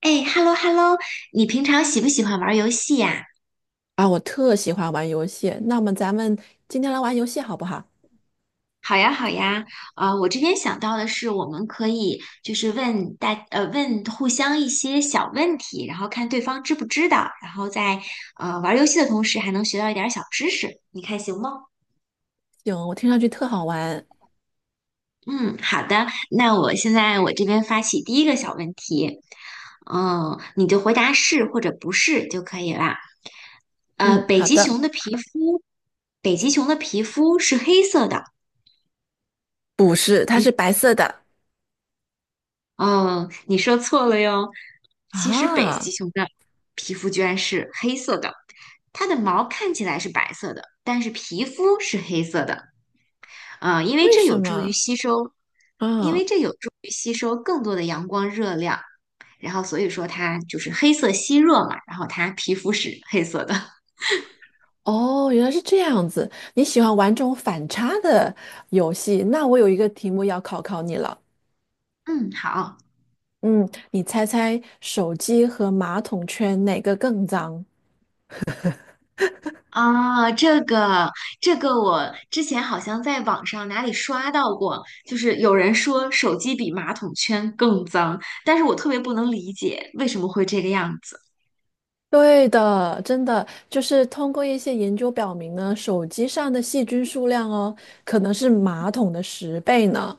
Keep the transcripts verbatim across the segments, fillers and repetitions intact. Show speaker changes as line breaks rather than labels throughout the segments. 哎，hello hello，你平常喜不喜欢玩游戏呀？
啊，我特喜欢玩游戏。那么咱们今天来玩游戏好不好？
好呀好呀，啊，我这边想到的是，我们可以就是问大呃问互相一些小问题，然后看对方知不知道，然后在呃玩游戏的同时还能学到一点儿小知识，你看行吗？
行，我听上去特好玩。
嗯，好的，那我现在我这边发起第一个小问题，嗯，你就回答是或者不是就可以啦。呃，
嗯，
北
好
极
的。
熊的皮肤，北极熊的皮肤是黑色的，
不是，它是白色的。
嗯，你说错了哟。其实北极
啊，
熊的皮肤居然是黑色的，它的毛看起来是白色的，但是皮肤是黑色的。呃，因为
为
这
什
有助于
么？
吸收，因为
啊，
这有助于吸收更多的阳光热量，然后所以说它就是黑色吸热嘛，然后它皮肤是黑色的。
哦，原来是这样子。你喜欢玩这种反差的游戏？那我有一个题目要考考你了。
嗯，好。
嗯，你猜猜手机和马桶圈哪个更脏？
啊，这个这个，我之前好像在网上哪里刷到过，就是有人说手机比马桶圈更脏，但是我特别不能理解为什么会这个样子。
对的，真的就是通过一些研究表明呢，手机上的细菌数量哦，可能是马桶的十倍呢。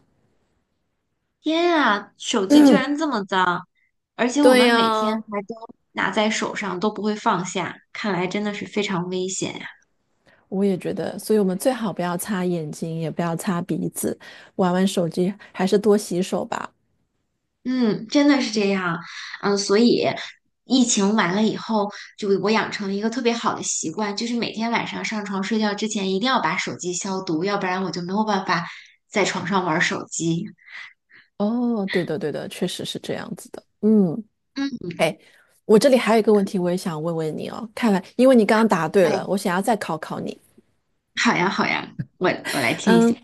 天啊，手机居然这 么脏，而且我
对
们每天
呀，
还都拿在手上，都不会放下，看来真的是非常危险。
我也觉得，所以我们最好不要擦眼睛，也不要擦鼻子，玩玩手机，还是多洗手吧。
嗯，真的是这样，嗯，所以疫情完了以后，就我养成了一个特别好的习惯，就是每天晚上上床睡觉之前一定要把手机消毒，要不然我就没有办法在床上玩手机。
哦，对的，对的，确实是这样子的。嗯，
嗯，
哎，我这里还有一个问题，我也想问问你哦。看来，因为你刚刚答
好
对
呀，
了，我想要再考考你。
好呀，好呀，我我来听一下。
嗯。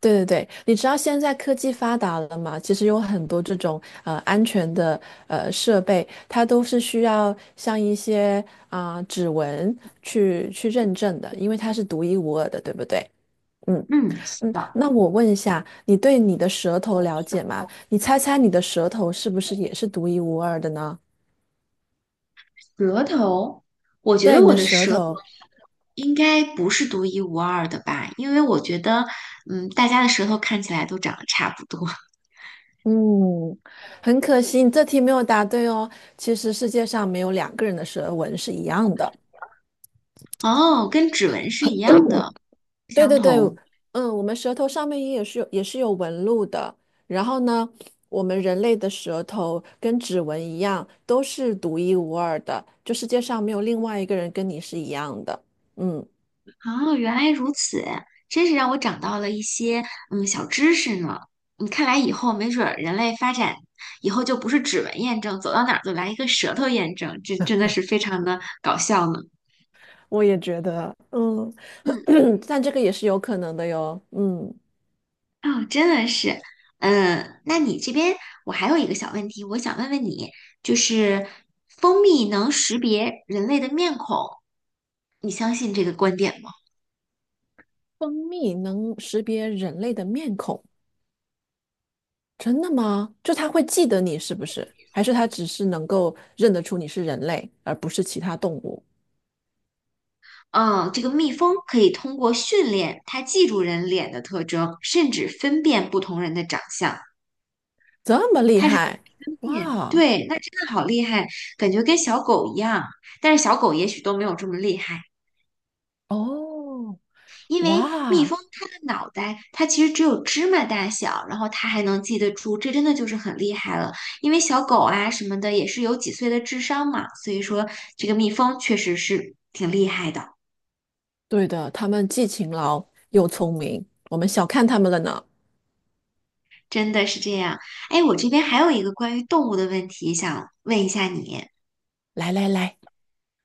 对对对，你知道现在科技发达了嘛？其实有很多这种呃安全的呃设备，它都是需要像一些啊、指纹去去认证的，因为它是独一无二的，对不对？嗯
嗯，是
嗯，
的，
那我问一下，你对你的舌头了解吗？你猜猜你的舌头是不是也是独一无二的呢？
舌头，我觉得
对，你
我
的
的
舌
舌头
头，
应该不是独一无二的吧，因为我觉得，嗯，大家的舌头看起来都长得差不多。
嗯，很可惜，你这题没有答对哦。其实世界上没有两个人的舌纹是一样的。
哦，跟指纹是一样的，不
对
相
对对，
同。
嗯，我们舌头上面也是有也是有纹路的。然后呢，我们人类的舌头跟指纹一样，都是独一无二的，就世界上没有另外一个人跟你是一样的。嗯，
哦，原来如此，真是让我长到了一些嗯小知识呢。你看来以后没准儿人类发展以后就不是指纹验证，走到哪儿就来一个舌头验证，这真的是非常的搞笑呢。
我也觉得，嗯，
嗯，
但这个也是有可能的哟。嗯，
哦，真的是，嗯，那你这边我还有一个小问题，我想问问你，就是蜂蜜能识别人类的面孔，你相信这个观点吗？
蜂蜜能识别人类的面孔，真的吗？就它会记得你是不是？还是它只是能够认得出你是人类，而不是其他动物？
嗯，这个蜜蜂可以通过训练，它记住人脸的特征，甚至分辨不同人的长相。
这么厉害，
分辨，
哇！
对，那真的好厉害，感觉跟小狗一样。但是小狗也许都没有这么厉害，
哦，
因为蜜蜂
哇，
它的脑袋，它其实只有芝麻大小，然后它还能记得住，这真的就是很厉害了。因为小狗啊什么的也是有几岁的智商嘛，所以说这个蜜蜂确实是挺厉害的。
对的，他们既勤劳又聪明，我们小看他们了呢。
真的是这样。哎，我这边还有一个关于动物的问题想问一下你，
来来来，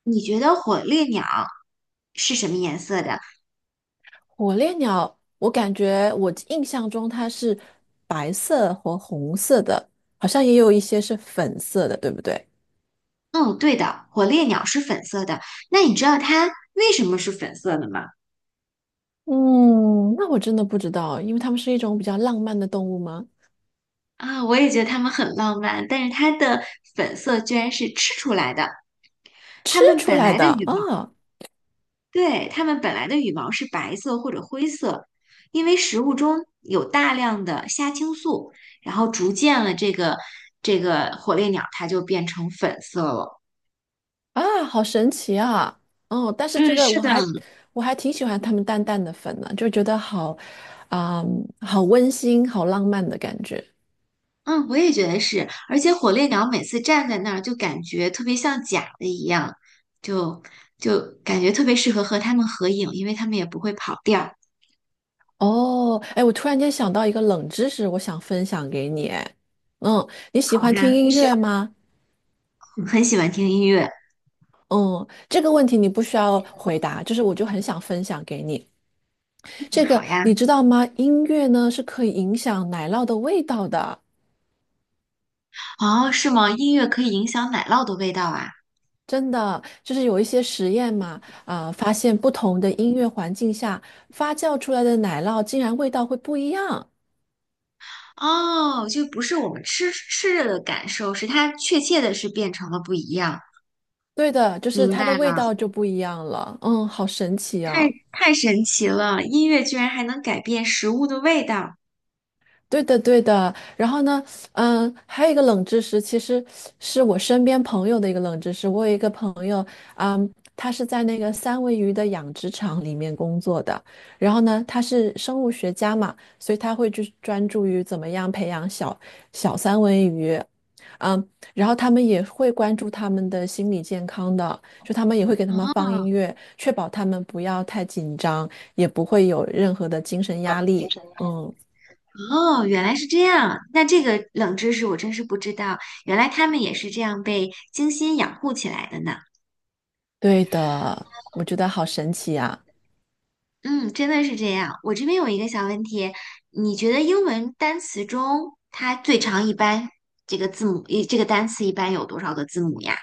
你觉得火烈鸟是什么颜色的？
火烈鸟，我感觉我印象中它是白色和红色的，好像也有一些是粉色的，对不对？
嗯，对的，火烈鸟是粉色的。那你知道它为什么是粉色的吗？
嗯，那我真的不知道，因为它们是一种比较浪漫的动物吗？
啊，我也觉得它们很浪漫，但是它的粉色居然是吃出来的。它
吃
们
出
本
来
来
的
的羽毛。
啊，
对，它们本来的羽毛是白色或者灰色，因为食物中有大量的虾青素，然后逐渐了这个这个火烈鸟它就变成粉色了。
啊，好神奇啊！哦，但是这
嗯，
个
是
我
的，
还我还挺喜欢他们淡淡的粉呢、就觉得好，啊、好温馨、好浪漫的感觉。
嗯，我也觉得是，而且火烈鸟每次站在那儿就感觉特别像假的一样，就就感觉特别适合和它们合影，因为它们也不会跑调。
哦，哎，我突然间想到一个冷知识，我想分享给你。哎，嗯，你喜
好
欢听
呀，你
音
喜
乐吗？
欢，很喜欢听音乐。
嗯，这个问题你不需要回答，就是我就很想分享给你。
嗯
这个
好
你
呀。
知道吗？音乐呢是可以影响奶酪的味道的。
哦，是吗？音乐可以影响奶酪的味道啊。
真的就是有一些实验嘛，啊、发现不同的音乐环境下发酵出来的奶酪竟然味道会不一样。
哦，就不是我们吃吃着的感受，是它确切的是变成了不一样。
对的，就是
明
它的
白
味
了，
道就不一样了。嗯，好神奇
太
啊！
太神奇了！音乐居然还能改变食物的味道。
对的，对的。然后呢，嗯，还有一个冷知识，其实是我身边朋友的一个冷知识。我有一个朋友，嗯，他是在那个三文鱼的养殖场里面工作的。然后呢，他是生物学家嘛，所以他会去专注于怎么样培养小小三文鱼。嗯，然后他们也会关注他们的心理健康的，就他们也会给他们放
哦
音乐，确保他们不要太紧张，也不会有任何的精神
我
压
的精
力。
神压力
嗯。
哦，原来是这样。那这个冷知识我真是不知道，原来他们也是这样被精心养护起来的呢。
对的，我觉得好神奇呀、
嗯，真的是这样。我这边有一个小问题，你觉得英文单词中它最长一般这个字母，一这个单词一般有多少个字母呀？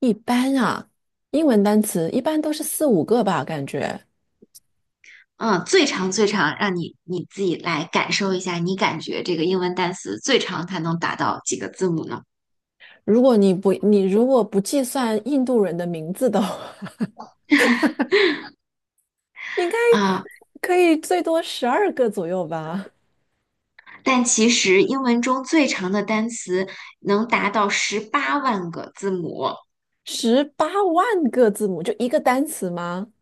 一般啊，英文单词一般都是四五个吧，感觉。
嗯，最长最长，让你你自己来感受一下，你感觉这个英文单词最长它能达到几个字母呢？
如果你不，你如果不计算印度人的名字的话，应该
啊、
可以最多十二个左右吧。
但其实英文中最长的单词能达到十八万个字母。
十八万个字母就一个单词吗？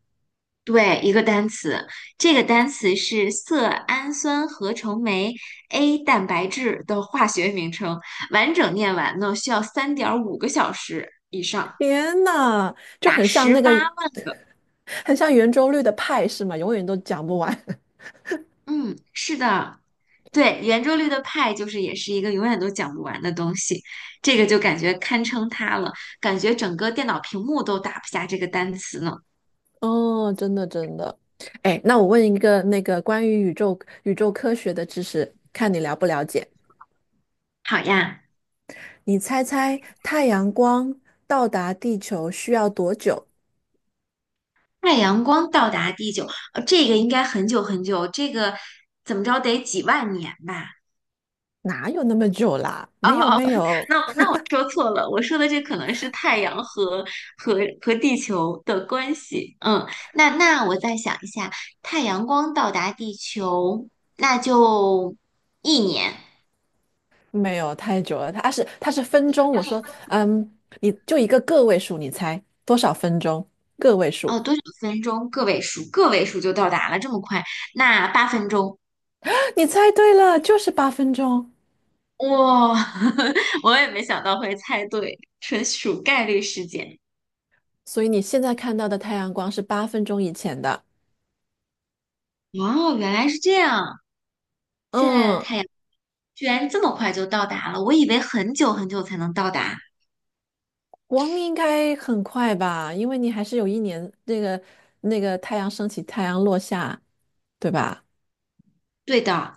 对，一个单词，这个单词是色氨酸合成酶 A 蛋白质的化学名称，完整念完呢需要三点五个小时以上，
天呐，就
达
很像
十
那
八
个，
万个。
很像圆周率的派是吗？永远都讲不完。
嗯，是的，对，圆周率的派就是也是一个永远都讲不完的东西，这个就感觉堪称它了，感觉整个电脑屏幕都打不下这个单词呢。
哦，真的真的。哎，那我问一个那个关于宇宙宇宙科学的知识，看你了不了解。
好呀，
你猜猜太阳光到达地球需要多久？
太阳光到达地球，呃，这个应该很久很久，这个怎么着得几万年吧？
哪有那么久啦？
哦
没有
哦，
没有
那那我说错了，我说的这可能是太阳和和和地球的关系。嗯，那那我再想一下，太阳光到达地球，那就一年。
没有太久了，它是它是分钟。
它
我
是
说，
分
嗯，你就一个个位数，你猜多少分钟？个位数，
哦，多少分钟？个位数，个位数就到达了，这么快？那八分钟，
你猜对了，就是八分钟。
哇，我也没想到会猜对，纯属概率事件。
所以你现在看到的太阳光是八分钟以前的。
哦，原来是这样。现在的
嗯，
太阳。居然这么快就到达了，我以为很久很久才能到达。
光应该很快吧，因为你还是有一年那个那个太阳升起，太阳落下，对吧？
对的，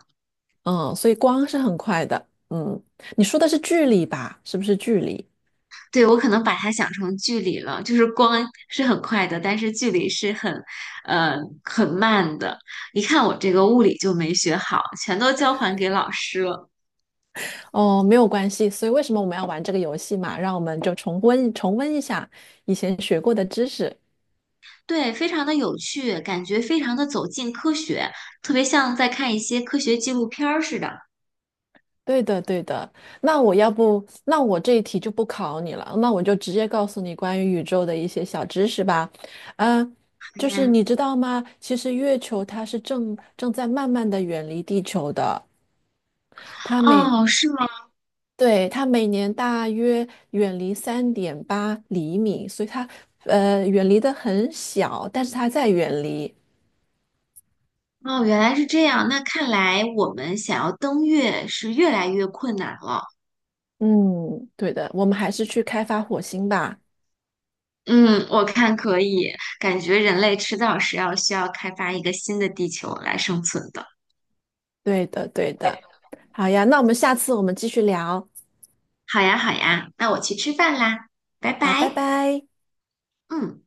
嗯，所以光是很快的。嗯，你说的是距离吧？是不是距离？
对，我可能把它想成距离了，就是光是很快的，但是距离是很，呃，很慢的。一看我这个物理就没学好，全都交还给老师了。
哦，没有关系。所以为什么我们要玩这个游戏嘛？让我们就重温重温一下以前学过的知识。
对，非常的有趣，感觉非常的走近科学，特别像在看一些科学纪录片儿似的。哎
对的，对的。那我要不，那我这一题就不考你了，那我就直接告诉你关于宇宙的一些小知识吧。嗯，就是
呀，
你知道吗？其实月球它是正正在慢慢的远离地球的。它每
哦，是吗？
对，它每年大约远离三点八厘米，所以它呃远离的很小，但是它在远离。
哦，原来是这样。那看来我们想要登月是越来越困难了。
嗯，对的，我们还是去开发火星吧。
嗯，我看可以，感觉人类迟早是要需要开发一个新的地球来生存的。
对的，对的。好呀，那我们下次我们继续聊。
好呀，好呀，那我去吃饭啦，拜
好，拜
拜。
拜。
嗯。